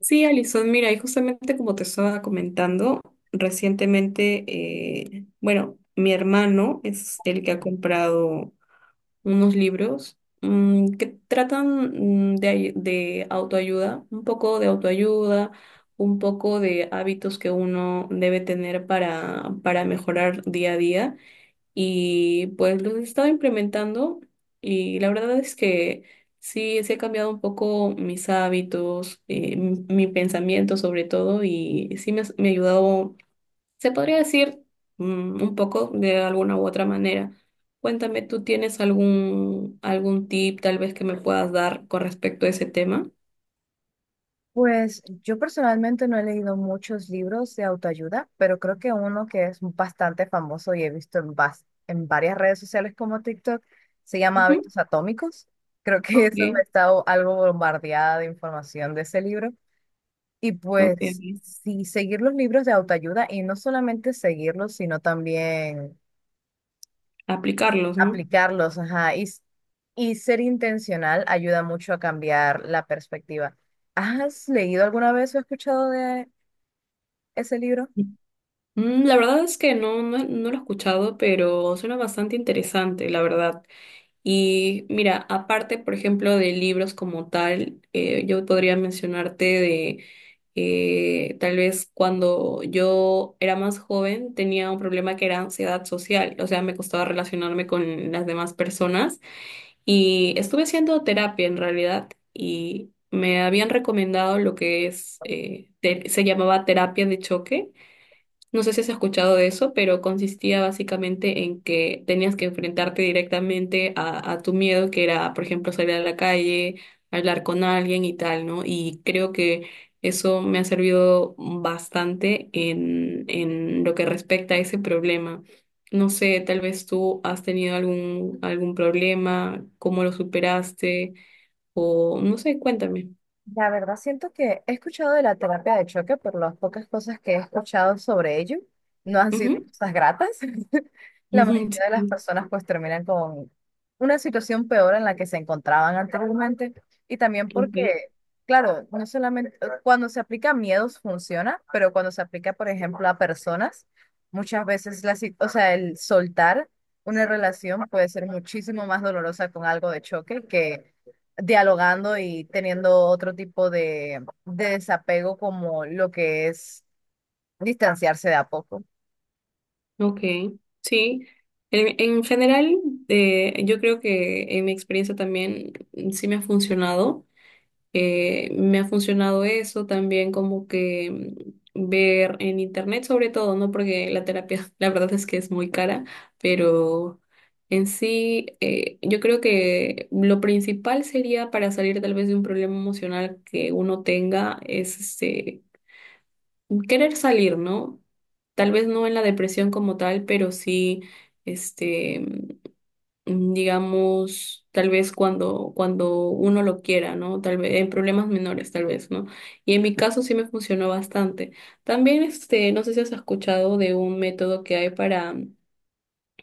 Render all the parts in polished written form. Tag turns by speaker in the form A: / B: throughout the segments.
A: Sí, Alison, mira, y justamente como te estaba comentando, recientemente, bueno, mi hermano es el que ha comprado unos libros que tratan de autoayuda, un poco de autoayuda, un poco de hábitos que uno debe tener para mejorar día a día. Y pues los he estado implementando y la verdad es que sí, sí he cambiado un poco mis hábitos, mi pensamiento sobre todo y sí me ha ayudado, se podría decir un poco de alguna u otra manera. Cuéntame, ¿tú tienes algún tip tal vez que me puedas dar con respecto a ese tema?
B: Pues yo personalmente no he leído muchos libros de autoayuda, pero creo que uno que es bastante famoso y he visto en varias redes sociales como TikTok se llama
A: Ujú.
B: Hábitos Atómicos. Creo que eso me
A: Ok,
B: está algo bombardeada de información de ese libro. Y
A: ok,
B: pues
A: ok.
B: sí, seguir los libros de autoayuda y no solamente seguirlos, sino también
A: Aplicarlos, ¿no?
B: aplicarlos, ajá, y ser intencional ayuda mucho a cambiar la perspectiva. ¿Has leído alguna vez o escuchado de ese libro?
A: La verdad es que no lo he escuchado, pero suena bastante interesante, la verdad. Y mira, aparte, por ejemplo, de libros como tal, yo podría mencionarte de tal vez cuando yo era más joven tenía un problema que era ansiedad social, o sea, me costaba relacionarme con las demás personas y estuve haciendo terapia en realidad y me habían recomendado lo que es, se llamaba terapia de choque, no sé si has escuchado de eso, pero consistía básicamente en que tenías que enfrentarte directamente a tu miedo, que era, por ejemplo, salir a la calle, hablar con alguien y tal, ¿no? Y creo que eso me ha servido bastante en lo que respecta a ese problema. No sé, tal vez tú has tenido algún problema, cómo lo superaste, o no sé, cuéntame.
B: La verdad, siento que he escuchado de la terapia de choque, pero las pocas cosas que he escuchado sobre ello no han sido
A: Ujú.
B: cosas gratas. La
A: Ujú.
B: mayoría de las personas pues terminan con una situación peor en la que se encontraban anteriormente y también
A: Sí, ok.
B: porque, claro, no solamente cuando se aplica a miedos funciona, pero cuando se aplica, por ejemplo, a personas, muchas veces la, si- o sea, el soltar una relación puede ser muchísimo más dolorosa con algo de choque que dialogando y teniendo otro tipo de desapego como lo que es distanciarse de a poco.
A: Ok, sí. En general, yo creo que en mi experiencia también sí me ha funcionado. Me ha funcionado eso también como que ver en internet sobre todo, ¿no? Porque la terapia, la verdad es que es muy cara, pero en sí, yo creo que lo principal sería para salir tal vez de un problema emocional que uno tenga es este querer salir, ¿no? Tal vez no en la depresión como tal, pero sí, este, digamos, tal vez cuando uno lo quiera, ¿no? Tal vez en problemas menores, tal vez, ¿no? Y en mi caso sí me funcionó bastante. También, este, no sé si has escuchado de un método que hay para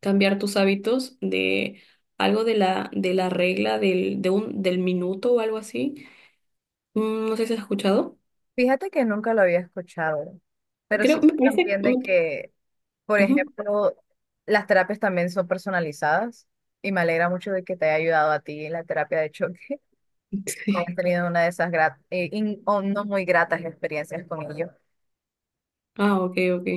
A: cambiar tus hábitos de algo de la regla del minuto o algo así. No sé si has escuchado.
B: Fíjate que nunca lo había escuchado, pero sí
A: Creo,
B: sé
A: me parece,
B: también de
A: me-
B: que, por
A: ujú.
B: ejemplo, las terapias también son personalizadas y me alegra mucho de que te haya ayudado a ti en la terapia de choque, hayas tenido una de esas o no muy gratas experiencias con ellos.
A: Ah, ok, ok.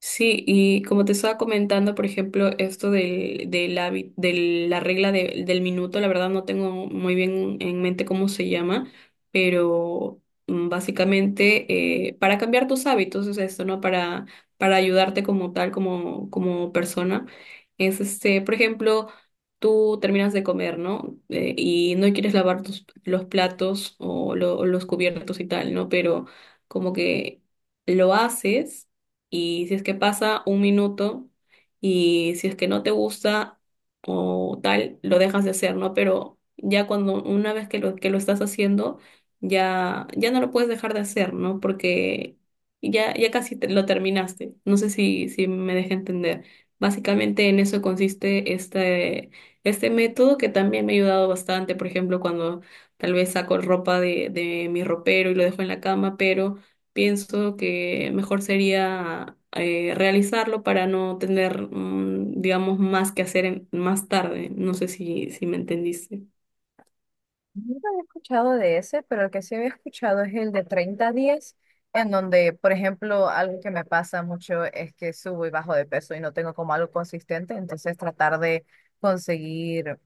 A: Sí, y como te estaba comentando, por ejemplo, esto de la regla del minuto, la verdad no tengo muy bien en mente cómo se llama, pero básicamente para cambiar tus hábitos es esto, ¿no? Para ayudarte como tal, como, como persona. Es este, por ejemplo, tú terminas de comer, ¿no? Y no quieres lavar los platos o los cubiertos y tal, ¿no? Pero como que lo haces y si es que pasa un minuto y si es que no te gusta o tal, lo dejas de hacer, ¿no? Pero ya cuando una vez que que lo estás haciendo, ya, ya no lo puedes dejar de hacer, ¿no? Porque ya casi lo terminaste. No sé si, si me dejé entender. Básicamente en eso consiste este método que también me ha ayudado bastante. Por ejemplo, cuando tal vez saco ropa de mi ropero y lo dejo en la cama, pero pienso que mejor sería realizarlo para no tener, digamos, más que hacer más tarde. No sé si, si me entendiste.
B: No había escuchado de ese, pero el que sí había escuchado es el de 30 días en donde, por ejemplo, algo que me pasa mucho es que subo y bajo de peso y no tengo como algo consistente, entonces tratar de conseguir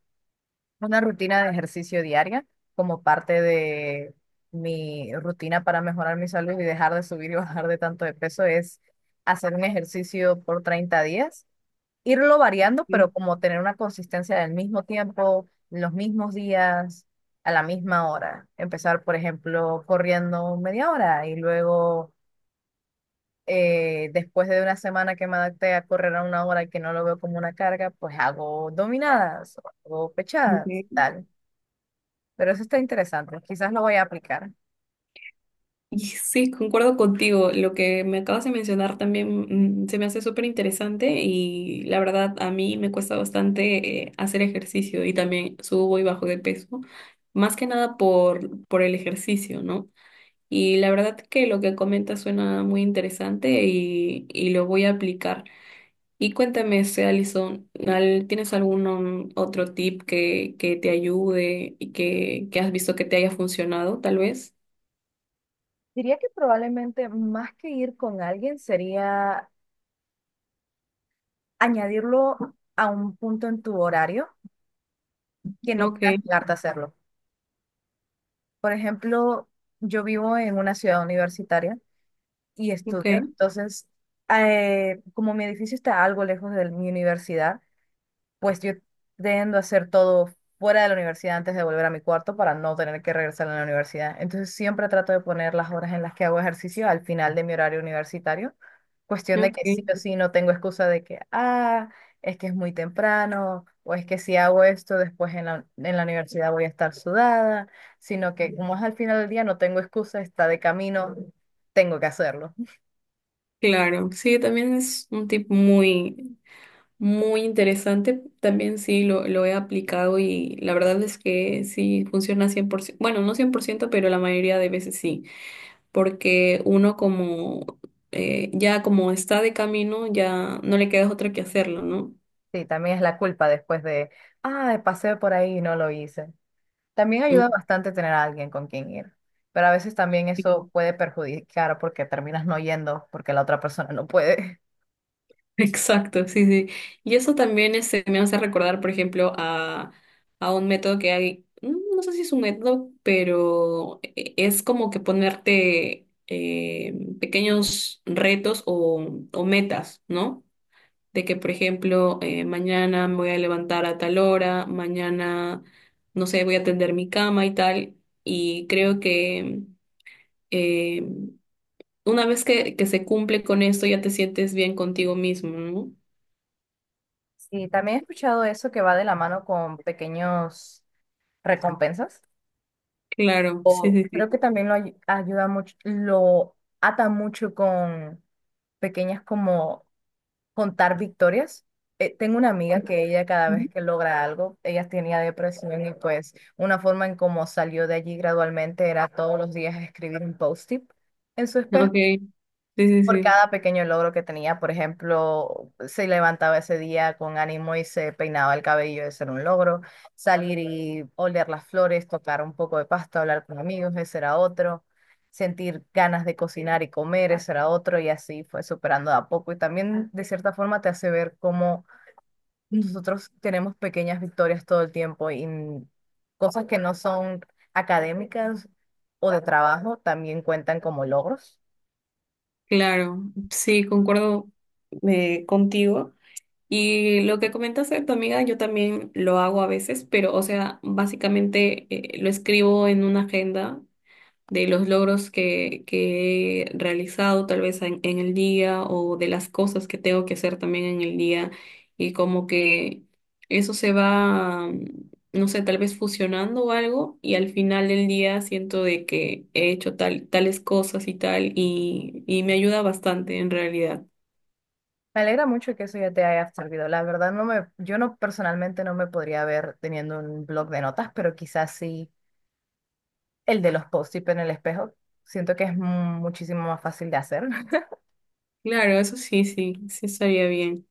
B: una rutina de ejercicio diaria como parte de mi rutina para mejorar mi salud y dejar de subir y bajar de tanto de peso es hacer un ejercicio por 30 días irlo variando, pero
A: Sí,
B: como tener una consistencia del mismo tiempo, los mismos días, a la misma hora. Empezar, por ejemplo, corriendo media hora y luego, después de una semana que me adapté a correr a una hora y que no lo veo como una carga, pues hago dominadas o hago pechadas,
A: ok.
B: tal. Pero eso está interesante, quizás lo voy a aplicar.
A: Y sí, concuerdo contigo. Lo que me acabas de mencionar también se me hace súper interesante y la verdad a mí me cuesta bastante hacer ejercicio y también subo y bajo de peso, más que nada por el ejercicio, ¿no? Y la verdad que lo que comentas suena muy interesante y lo voy a aplicar. Y cuéntame, este, Alison, ¿tienes algún otro tip que te ayude y que has visto que te haya funcionado, tal vez?
B: Diría que probablemente más que ir con alguien sería añadirlo a un punto en tu horario que no puedas
A: Ok,
B: negarte a hacerlo. Por ejemplo, yo vivo en una ciudad universitaria y
A: ok,
B: estudio, entonces, como mi edificio está algo lejos de mi universidad, pues yo tiendo a hacer todo fuera de la universidad antes de volver a mi cuarto para no tener que regresar a la universidad. Entonces siempre trato de poner las horas en las que hago ejercicio al final de mi horario universitario. Cuestión de que sí
A: ok.
B: o sí no tengo excusa de que, ah, es que es muy temprano, o es que si hago esto después en en la universidad voy a estar sudada, sino que como es al final del día no tengo excusa, está de camino, tengo que hacerlo.
A: Claro, sí, también es un tip muy interesante. También sí lo he aplicado y la verdad es que sí funciona 100%. Bueno, no 100% pero la mayoría de veces sí. Porque uno como, ya como está de camino, ya no le queda otra que hacerlo, ¿no?
B: Sí, también es la culpa después de, ah, pasé por ahí y no lo hice. También
A: Mm.
B: ayuda bastante tener a alguien con quien ir, pero a veces también eso puede perjudicar porque terminas no yendo porque la otra persona no puede.
A: Exacto, sí, sí. Y eso también este, me hace recordar, por ejemplo, a un método que hay, no sé si es un método, pero es como que ponerte pequeños retos o metas, ¿no? De que, por ejemplo, mañana me voy a levantar a tal hora, mañana, no sé, voy a tender mi cama y tal. Y creo que eh, una vez que se cumple con esto, ya te sientes bien contigo mismo, ¿no?
B: Sí, también he escuchado eso que va de la mano con pequeños recompensas,
A: Claro, sí, sí,
B: o
A: sí.
B: creo que también lo ayuda mucho, lo ata mucho con pequeñas como contar victorias. Tengo una amiga que ella cada vez
A: Ujú.
B: que logra algo, ella tenía depresión y pues una forma en cómo salió de allí gradualmente era todos los días escribir un post-it en su espejo
A: Ok, sí, sí,
B: por
A: sí,
B: cada pequeño logro que tenía. Por ejemplo, se levantaba ese día con ánimo y se peinaba el cabello, ese era un logro. Salir y oler las flores, tocar un poco de pasto, hablar con amigos, ese era otro. Sentir ganas de cocinar y comer, ese era otro. Y así fue superando de a poco. Y también, de cierta forma, te hace ver cómo nosotros tenemos pequeñas victorias todo el tiempo y cosas que no son académicas o de trabajo también cuentan como logros.
A: claro, sí, concuerdo contigo. Y lo que comentaste de tu amiga, yo también lo hago a veces, pero, o sea, básicamente lo escribo en una agenda de los logros que he realizado tal vez en el día o de las cosas que tengo que hacer también en el día y como que eso se va, no sé, tal vez fusionando o algo y al final del día siento de que he hecho tales cosas y tal y me ayuda bastante en realidad.
B: Me alegra mucho que eso ya te haya servido. La verdad, yo no personalmente no me podría ver teniendo un blog de notas, pero quizás sí el de los post-it en el espejo. Siento que es muchísimo más fácil de hacer.
A: Claro, eso sí, sí, sí estaría bien.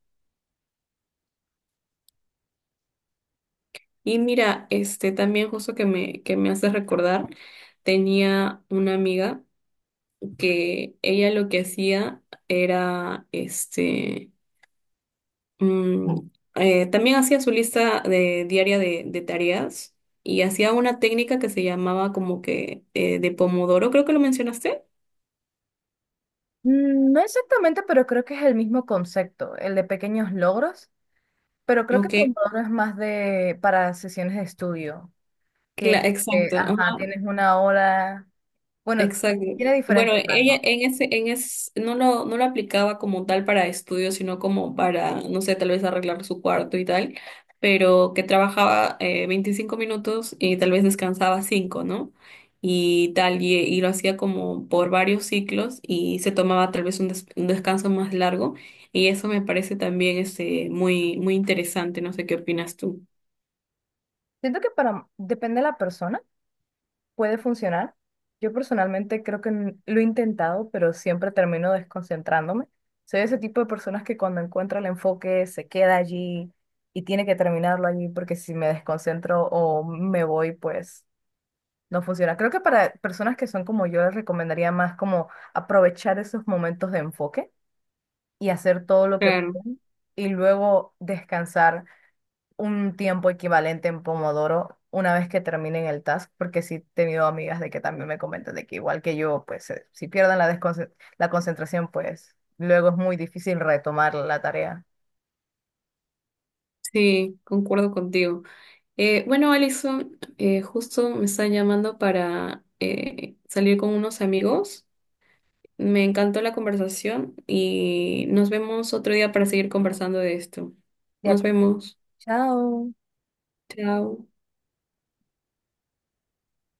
A: Y mira, este también justo que me hace recordar, tenía una amiga que ella lo que hacía era, este, mm, también hacía su lista diaria de tareas y hacía una técnica que se llamaba como que de Pomodoro, creo que lo mencionaste.
B: Mm, no exactamente, pero creo que es el mismo concepto, el de pequeños logros, pero creo que
A: Ok,
B: Pomodoro es más de para sesiones de estudio, que,
A: exacto.
B: ajá, tienes una hora, bueno,
A: Exacto.
B: tiene
A: Bueno,
B: diferentes
A: ella
B: rangos.
A: en ese, no lo aplicaba como tal para estudios, sino como para, no sé, tal vez arreglar su cuarto y tal, pero que trabajaba 25 minutos y tal vez descansaba 5, ¿no? Y tal, y lo hacía como por varios ciclos y se tomaba tal vez un, un descanso más largo y eso me parece también este, muy interesante, no sé qué opinas tú.
B: Siento que para, depende de la persona, puede funcionar. Yo personalmente creo que lo he intentado, pero siempre termino desconcentrándome. Soy ese tipo de personas que cuando encuentra el enfoque se queda allí y tiene que terminarlo allí porque si me desconcentro o me voy, pues no funciona. Creo que para personas que son como yo les recomendaría más como aprovechar esos momentos de enfoque y hacer todo lo que
A: Claro,
B: pueden y luego descansar un tiempo equivalente en Pomodoro una vez que terminen el task, porque sí he tenido amigas de que también me comentan de que igual que yo, pues si pierden la, la concentración, pues luego es muy difícil retomar la tarea.
A: sí, concuerdo contigo. Bueno, Alison, justo me están llamando para salir con unos amigos. Me encantó la conversación y nos vemos otro día para seguir conversando de esto.
B: De
A: Nos
B: acuerdo.
A: vemos.
B: Chao.
A: Chao.